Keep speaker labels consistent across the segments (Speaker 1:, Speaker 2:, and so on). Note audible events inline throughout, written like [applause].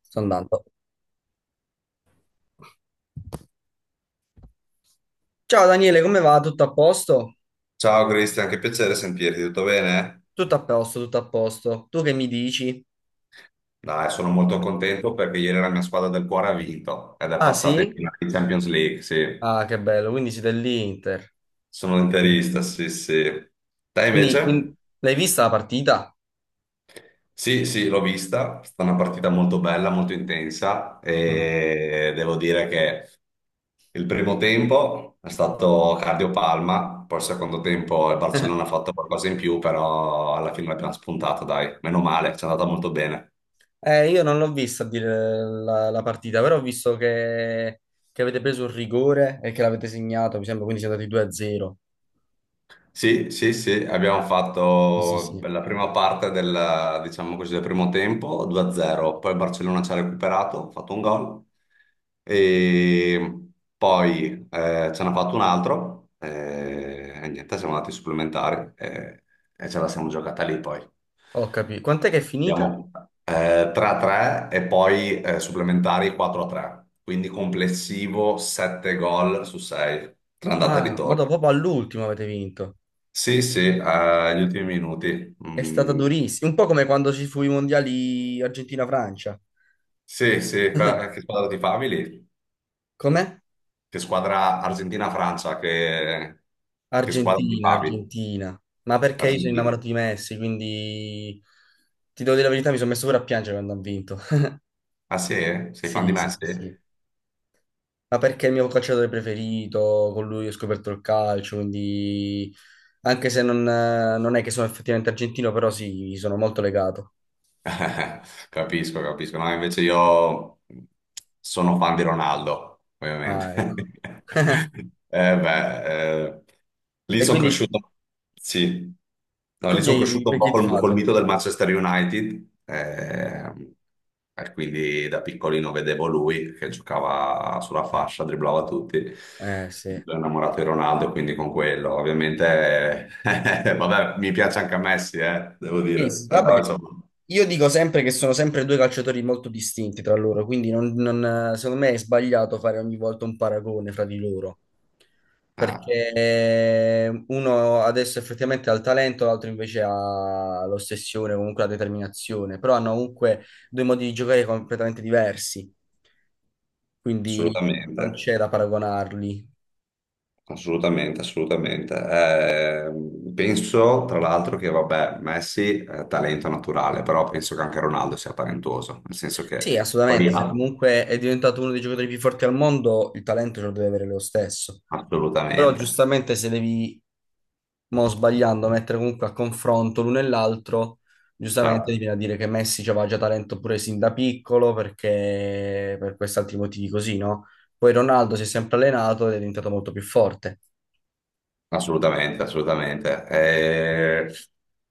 Speaker 1: Sto andando. Ciao Daniele, come va? Tutto a posto?
Speaker 2: Ciao Cristian, che piacere sentirti, tutto bene?
Speaker 1: Tutto a posto, tutto a posto. Tu che mi dici?
Speaker 2: Dai, sono molto contento perché ieri la mia squadra del cuore ha vinto ed è
Speaker 1: Ah
Speaker 2: passata in
Speaker 1: sì?
Speaker 2: finale di Champions League, sì.
Speaker 1: Ah, che bello, quindi siete dell'Inter.
Speaker 2: Sono interista, sì, sì. Te
Speaker 1: Quindi,
Speaker 2: invece?
Speaker 1: quindi- L'hai vista la partita?
Speaker 2: Sì, sì, l'ho vista, è stata una partita molto bella, molto intensa
Speaker 1: Mm.
Speaker 2: e devo dire che il primo tempo è stato cardiopalma, poi il secondo tempo il Barcellona ha fatto qualcosa in più, però alla fine l'abbiamo spuntata, dai, meno male, ci è andata molto bene.
Speaker 1: Io non l'ho vista a dire la partita, però ho visto che avete preso il rigore e che l'avete segnato, mi sembra, quindi siete andati 2-0.
Speaker 2: Sì, sì, sì, abbiamo
Speaker 1: Sì, sì,
Speaker 2: fatto
Speaker 1: sì.
Speaker 2: la prima parte del, diciamo così, del primo tempo 2-0, poi il Barcellona ci ha recuperato, ha fatto un gol e poi ce n'ha fatto un altro e niente, siamo andati ai supplementari e ce la siamo giocata lì poi.
Speaker 1: Ho capito. Quant'è che è finita?
Speaker 2: Abbiamo 3-3 e poi supplementari 4-3, quindi complessivo 7 gol su 6, tra andata e
Speaker 1: Ah, ma
Speaker 2: ritorno.
Speaker 1: dopo proprio all'ultimo avete vinto.
Speaker 2: Sì, sì, agli ultimi minuti.
Speaker 1: È stata
Speaker 2: Mm,
Speaker 1: durissima, un po' come quando ci fu i mondiali Argentina-Francia.
Speaker 2: sì, sì, che
Speaker 1: [laughs]
Speaker 2: squadra ti favi lì?
Speaker 1: Com'è?
Speaker 2: Che squadra Argentina-Francia, che squadra ti
Speaker 1: Argentina,
Speaker 2: favi?
Speaker 1: Argentina. Ma perché io sono
Speaker 2: Argentina.
Speaker 1: innamorato di Messi, quindi ti devo dire la verità, mi sono messo pure a piangere quando ha vinto. [laughs]
Speaker 2: Ah sì? Sei fan di
Speaker 1: Sì, sì, sì,
Speaker 2: Messi?
Speaker 1: sì. Ma perché è il mio calciatore preferito, con lui ho scoperto il calcio, quindi anche se non è che sono effettivamente argentino, però sì, gli sono molto legato.
Speaker 2: [laughs] Capisco, capisco. No, invece io sono fan di Ronaldo, ovviamente.
Speaker 1: Ah, ecco.
Speaker 2: [laughs] Eh beh, lì
Speaker 1: E
Speaker 2: sono
Speaker 1: quindi
Speaker 2: cresciuto, sì. No, lì sono cresciuto un
Speaker 1: per
Speaker 2: po'
Speaker 1: chi hai
Speaker 2: col,
Speaker 1: tifato?
Speaker 2: col mito del Manchester United, e quindi da piccolino vedevo lui che giocava sulla fascia, dribblava tutti.
Speaker 1: Sì.
Speaker 2: Sono innamorato di Ronaldo, quindi con quello, ovviamente, [laughs] vabbè, mi piace anche a Messi, devo
Speaker 1: Sì,
Speaker 2: dire,
Speaker 1: sì, vabbè.
Speaker 2: però insomma.
Speaker 1: Io dico sempre che sono sempre due calciatori molto distinti tra loro, quindi secondo me è sbagliato fare ogni volta un paragone fra di loro,
Speaker 2: Ah,
Speaker 1: perché uno adesso effettivamente ha il talento, l'altro invece ha l'ossessione, comunque la determinazione, però hanno comunque due modi di giocare completamente diversi, quindi
Speaker 2: assolutamente,
Speaker 1: non c'è da paragonarli.
Speaker 2: assolutamente, assolutamente. Penso tra l'altro che, vabbè, Messi è talento naturale, però penso che anche Ronaldo sia talentuoso, nel senso che
Speaker 1: Sì,
Speaker 2: poi
Speaker 1: assolutamente, se comunque è diventato uno dei giocatori più forti al mondo, il talento ce lo deve avere lo stesso. Però
Speaker 2: assolutamente,
Speaker 1: giustamente se devi mo sbagliando a mettere comunque a confronto l'uno e l'altro, giustamente ti
Speaker 2: certo,
Speaker 1: viene a dire che Messi aveva già talento pure sin da piccolo perché per questi altri motivi così, no? Poi Ronaldo si è sempre allenato ed è diventato molto più forte.
Speaker 2: assolutamente, assolutamente. Eh,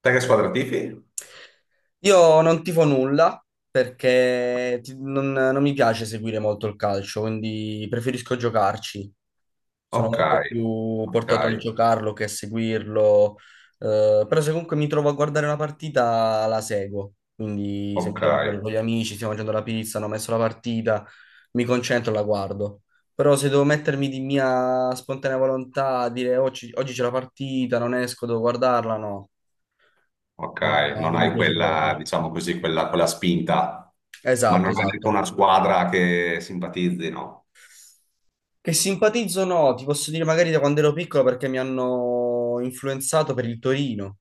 Speaker 2: te che squadra tifi?
Speaker 1: Io non tifo nulla perché non mi piace seguire molto il calcio, quindi preferisco giocarci. Sono
Speaker 2: Ok,
Speaker 1: molto più
Speaker 2: ok,
Speaker 1: portato a giocarlo che a seguirlo, però se comunque mi trovo a guardare una partita la seguo, quindi se mi
Speaker 2: ok,
Speaker 1: trovo magari con gli amici, stiamo mangiando la pizza, hanno messo la partita, mi concentro e la guardo. Però se devo mettermi di mia spontanea volontà a dire "Oh, oggi, oggi c'è la partita, non esco, devo guardarla, no,
Speaker 2: ok,
Speaker 1: non
Speaker 2: non
Speaker 1: non mi
Speaker 2: hai
Speaker 1: piace proprio".
Speaker 2: quella, diciamo così, quella spinta, ma non
Speaker 1: Esatto,
Speaker 2: hai neanche
Speaker 1: esatto.
Speaker 2: una squadra che simpatizzi, no?
Speaker 1: Che simpatizzo no, ti posso dire magari da quando ero piccolo perché mi hanno influenzato per il Torino.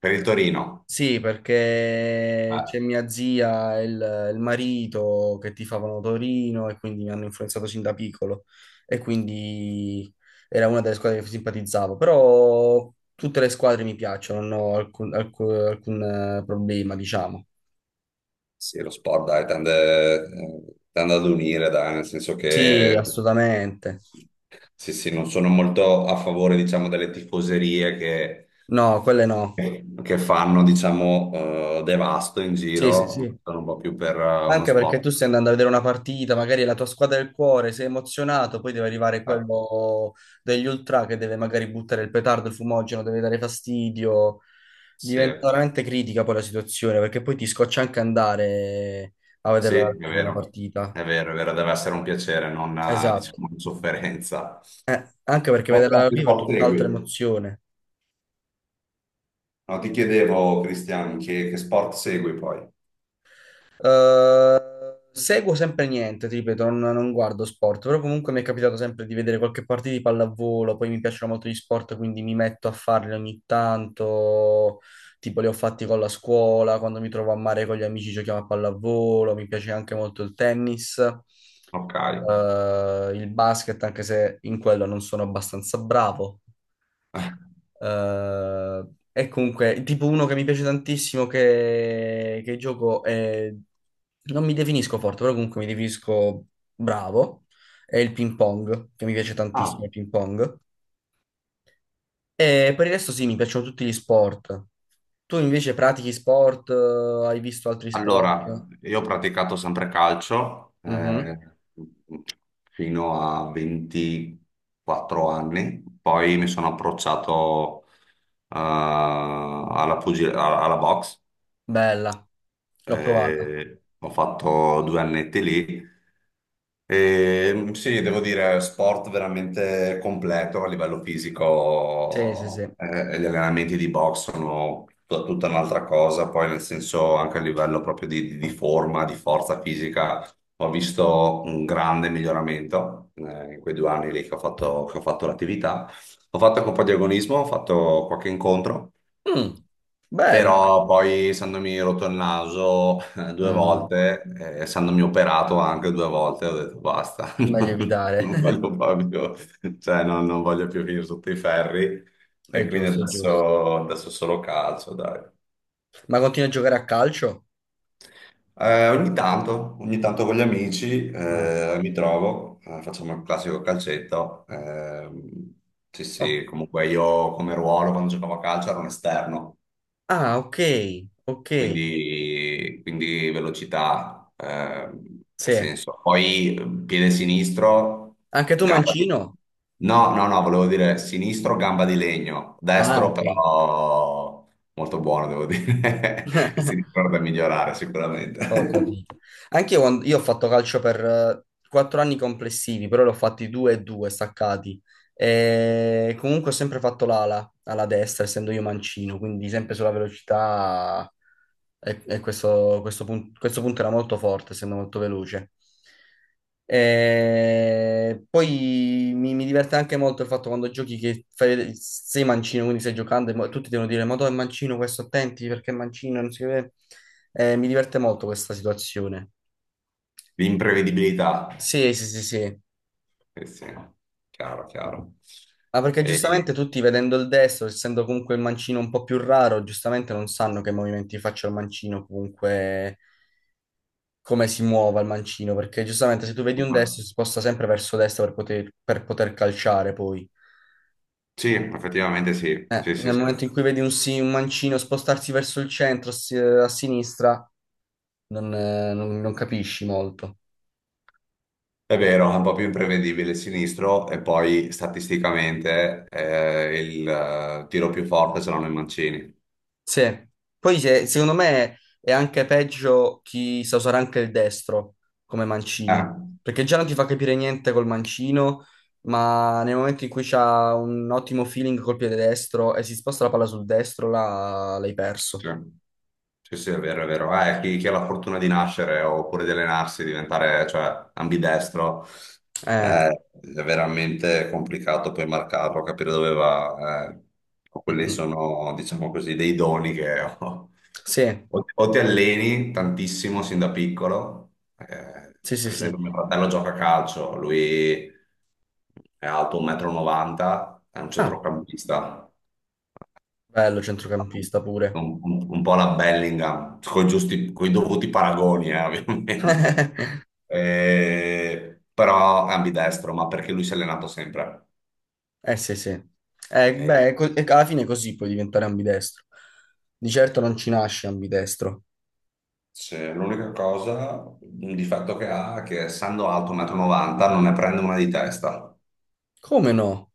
Speaker 2: Per il Torino.
Speaker 1: Sì, perché
Speaker 2: Ah,
Speaker 1: c'è mia zia e il marito che tifavano Torino e quindi mi hanno influenzato sin da piccolo e quindi era una delle squadre che simpatizzavo, però tutte le squadre mi piacciono, non ho alcun problema, diciamo.
Speaker 2: sì, lo sport dai, tende ad unire, dai, nel senso
Speaker 1: Sì,
Speaker 2: che
Speaker 1: assolutamente.
Speaker 2: sì, sì, non sono molto a favore, diciamo, delle tifoserie che,
Speaker 1: No, quelle no.
Speaker 2: che fanno, diciamo, devasto in
Speaker 1: Sì, sì,
Speaker 2: giro, ma
Speaker 1: sì.
Speaker 2: sono un po' più per uno
Speaker 1: Anche perché
Speaker 2: sport.
Speaker 1: tu stai andando a vedere una partita, magari è la tua squadra del cuore, sei emozionato, poi deve arrivare
Speaker 2: Ah,
Speaker 1: quello degli ultra che deve magari buttare il petardo, il fumogeno, deve dare fastidio.
Speaker 2: sì,
Speaker 1: Diventa veramente critica poi la situazione, perché poi ti scoccia anche andare a
Speaker 2: sì,
Speaker 1: vederla
Speaker 2: è
Speaker 1: dal vivo la
Speaker 2: vero,
Speaker 1: partita.
Speaker 2: è vero, è vero, deve essere un piacere, non,
Speaker 1: Esatto.
Speaker 2: diciamo, una sofferenza.
Speaker 1: Anche perché
Speaker 2: Poi che
Speaker 1: vederla dal
Speaker 2: altri
Speaker 1: vivo è
Speaker 2: sport
Speaker 1: tutt'altra
Speaker 2: segui?
Speaker 1: emozione.
Speaker 2: No, ti chiedevo, Cristian, che sport segui poi?
Speaker 1: Eh, Seguo sempre niente, ti ripeto, non guardo sport, però comunque mi è capitato sempre di vedere qualche partita di pallavolo, poi mi piacciono molto gli sport, quindi mi metto a farli ogni tanto, tipo li ho fatti con la scuola, quando mi trovo a mare con gli amici giochiamo a pallavolo, mi piace anche molto il tennis,
Speaker 2: Ok.
Speaker 1: il basket, anche se in quello non sono abbastanza bravo. E comunque, tipo uno che mi piace tantissimo che gioco è... Non mi definisco forte, però comunque mi definisco bravo. È il ping pong, che mi piace
Speaker 2: Ah,
Speaker 1: tantissimo il ping pong. E per il resto sì, mi piacciono tutti gli sport. Tu invece pratichi sport? Hai visto altri sport?
Speaker 2: allora, io ho praticato sempre calcio
Speaker 1: Mhm.
Speaker 2: fino a 24 anni, poi mi sono approcciato alla, alla box
Speaker 1: Bella, l'ho provata.
Speaker 2: ho fatto due annetti lì. E, sì, devo dire, sport veramente completo a livello
Speaker 1: Sì, sì,
Speaker 2: fisico,
Speaker 1: sì.
Speaker 2: gli allenamenti di box sono tutta un'altra cosa, poi nel senso anche a livello proprio di, di forma, di forza fisica, ho visto un grande miglioramento in quei due anni lì che ho fatto l'attività. Ho fatto anche un po' di agonismo, ho fatto qualche incontro.
Speaker 1: Mm, bello.
Speaker 2: Però poi, essendomi rotto il naso due
Speaker 1: Mm,
Speaker 2: volte, essendomi operato anche due volte, ho detto basta, [laughs]
Speaker 1: meglio evitare.
Speaker 2: non
Speaker 1: [laughs]
Speaker 2: voglio proprio, cioè non voglio più finire sotto i ferri.
Speaker 1: È
Speaker 2: E quindi
Speaker 1: giusto, è giusto.
Speaker 2: adesso solo calcio, dai.
Speaker 1: Ma continui a giocare a calcio?
Speaker 2: Ogni tanto con gli amici
Speaker 1: Ah.
Speaker 2: mi trovo, facciamo il classico calcetto. Sì,
Speaker 1: Oh,
Speaker 2: sì, comunque io come ruolo quando giocavo a calcio ero un esterno.
Speaker 1: ah, ok, ok,
Speaker 2: Quindi velocità, nel
Speaker 1: sì.
Speaker 2: senso. Poi piede sinistro,
Speaker 1: Anche tu
Speaker 2: gamba di...
Speaker 1: mancino?
Speaker 2: No, no, no, volevo dire sinistro, gamba di legno,
Speaker 1: Ah,
Speaker 2: destro
Speaker 1: ok,
Speaker 2: però molto buono, devo dire. [laughs] Il sinistro è da migliorare
Speaker 1: ho
Speaker 2: sicuramente.
Speaker 1: capito. Anche io, io ho fatto calcio per 4 anni complessivi, però l'ho fatti due e due staccati. E comunque ho sempre fatto l'ala, alla destra, essendo io mancino, quindi sempre sulla velocità. E questo punto era molto forte, essendo molto veloce. E poi mi diverte anche molto il fatto quando giochi che fai sei mancino, quindi stai giocando e tutti devono dire: Ma tu è mancino, questo attenti perché è mancino, non si vede. Mi diverte molto questa situazione.
Speaker 2: [laughs] L'imprevedibilità.
Speaker 1: Sì, sì, sì, sì.
Speaker 2: Eh sì, chiaro, chiaro.
Speaker 1: Ma perché
Speaker 2: E-
Speaker 1: giustamente tutti vedendo il destro, essendo comunque il mancino un po' più raro, giustamente non sanno che movimenti faccia il mancino comunque come si muova il mancino, perché giustamente se tu vedi un destro si sposta sempre verso destra per poter, calciare poi.
Speaker 2: Sì, effettivamente sì, sì, sì,
Speaker 1: Nel
Speaker 2: sì.
Speaker 1: momento in cui vedi un mancino spostarsi verso il centro, a sinistra, non capisci molto.
Speaker 2: È vero, è un po' più imprevedibile il sinistro e poi statisticamente il tiro più forte ce l'hanno i mancini.
Speaker 1: Sì. Poi secondo me è anche peggio chi sa usare anche il destro come
Speaker 2: Eh.
Speaker 1: mancino, perché già non ti fa capire niente col mancino, ma nel momento in cui c'ha un ottimo feeling col piede destro e si sposta la palla sul destro, là l'hai perso.
Speaker 2: Sì, sì, sì, è vero, è vero. Chi ha la fortuna di nascere oppure di allenarsi, diventare, cioè, ambidestro,
Speaker 1: Eh,
Speaker 2: è veramente complicato poi marcarlo, capire dove va.
Speaker 1: mm,
Speaker 2: Quelli
Speaker 1: mm.
Speaker 2: sono, diciamo così, dei doni che [laughs] ho.
Speaker 1: Sì,
Speaker 2: O ti alleni tantissimo sin da piccolo,
Speaker 1: sì, sì,
Speaker 2: per esempio mio
Speaker 1: sì.
Speaker 2: fratello gioca a calcio, lui è alto 1,90 m, è un
Speaker 1: Ah,
Speaker 2: centrocampista,
Speaker 1: bello centrocampista pure.
Speaker 2: un po' la Bellingham, con giusti, coi dovuti paragoni, [laughs] ovviamente.
Speaker 1: [laughs]
Speaker 2: Però è ambidestro, ma perché lui si è allenato sempre.
Speaker 1: Sì, sì.
Speaker 2: Eh,
Speaker 1: Beh, e alla fine così puoi diventare ambidestro. Di certo non ci nasce ambidestro.
Speaker 2: l'unica cosa, un difetto che ha è che essendo alto 1,90 m non ne prende una di testa.
Speaker 1: Come no?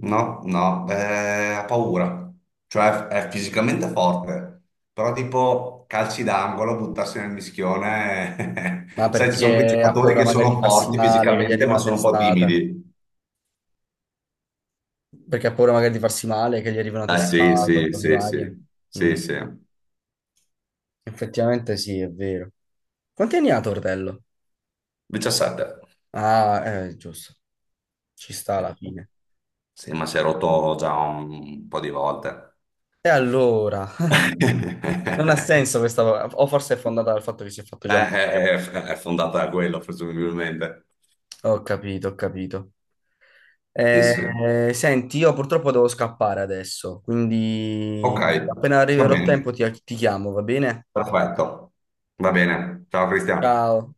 Speaker 2: No, no, ha paura, cioè è fisicamente forte, però tipo calci d'angolo, buttarsi nel mischione,
Speaker 1: Ma
Speaker 2: [laughs] sai, ci sono quei
Speaker 1: perché ha
Speaker 2: giocatori
Speaker 1: paura
Speaker 2: che
Speaker 1: magari di
Speaker 2: sono
Speaker 1: farsi
Speaker 2: forti
Speaker 1: male, che gli
Speaker 2: fisicamente
Speaker 1: arriva
Speaker 2: ma
Speaker 1: una
Speaker 2: sono un po'
Speaker 1: testata.
Speaker 2: timidi.
Speaker 1: Perché ha paura magari di farsi male, che gli arriva una
Speaker 2: Ah sì,
Speaker 1: testata o
Speaker 2: sì,
Speaker 1: cose
Speaker 2: sì, sì,
Speaker 1: varie.
Speaker 2: sì,
Speaker 1: Mm.
Speaker 2: sì,
Speaker 1: Effettivamente sì, è vero. Quanti anni ha Tortello?
Speaker 2: 17.
Speaker 1: Ah, giusto. Ci sta alla fine.
Speaker 2: Sì, ma si è rotto già un po' di volte.
Speaker 1: E allora? Non ha senso
Speaker 2: [laughs]
Speaker 1: questa cosa, o forse è fondata dal fatto che si è fatto già male.
Speaker 2: È fondata da quello, presumibilmente.
Speaker 1: Ho capito, ho capito.
Speaker 2: Sì, sì.
Speaker 1: Senti, io purtroppo devo scappare adesso, quindi
Speaker 2: Ok,
Speaker 1: appena
Speaker 2: va
Speaker 1: arriverò a
Speaker 2: bene.
Speaker 1: tempo ti chiamo, va bene?
Speaker 2: Perfetto, va bene. Ciao Cristian.
Speaker 1: Ciao.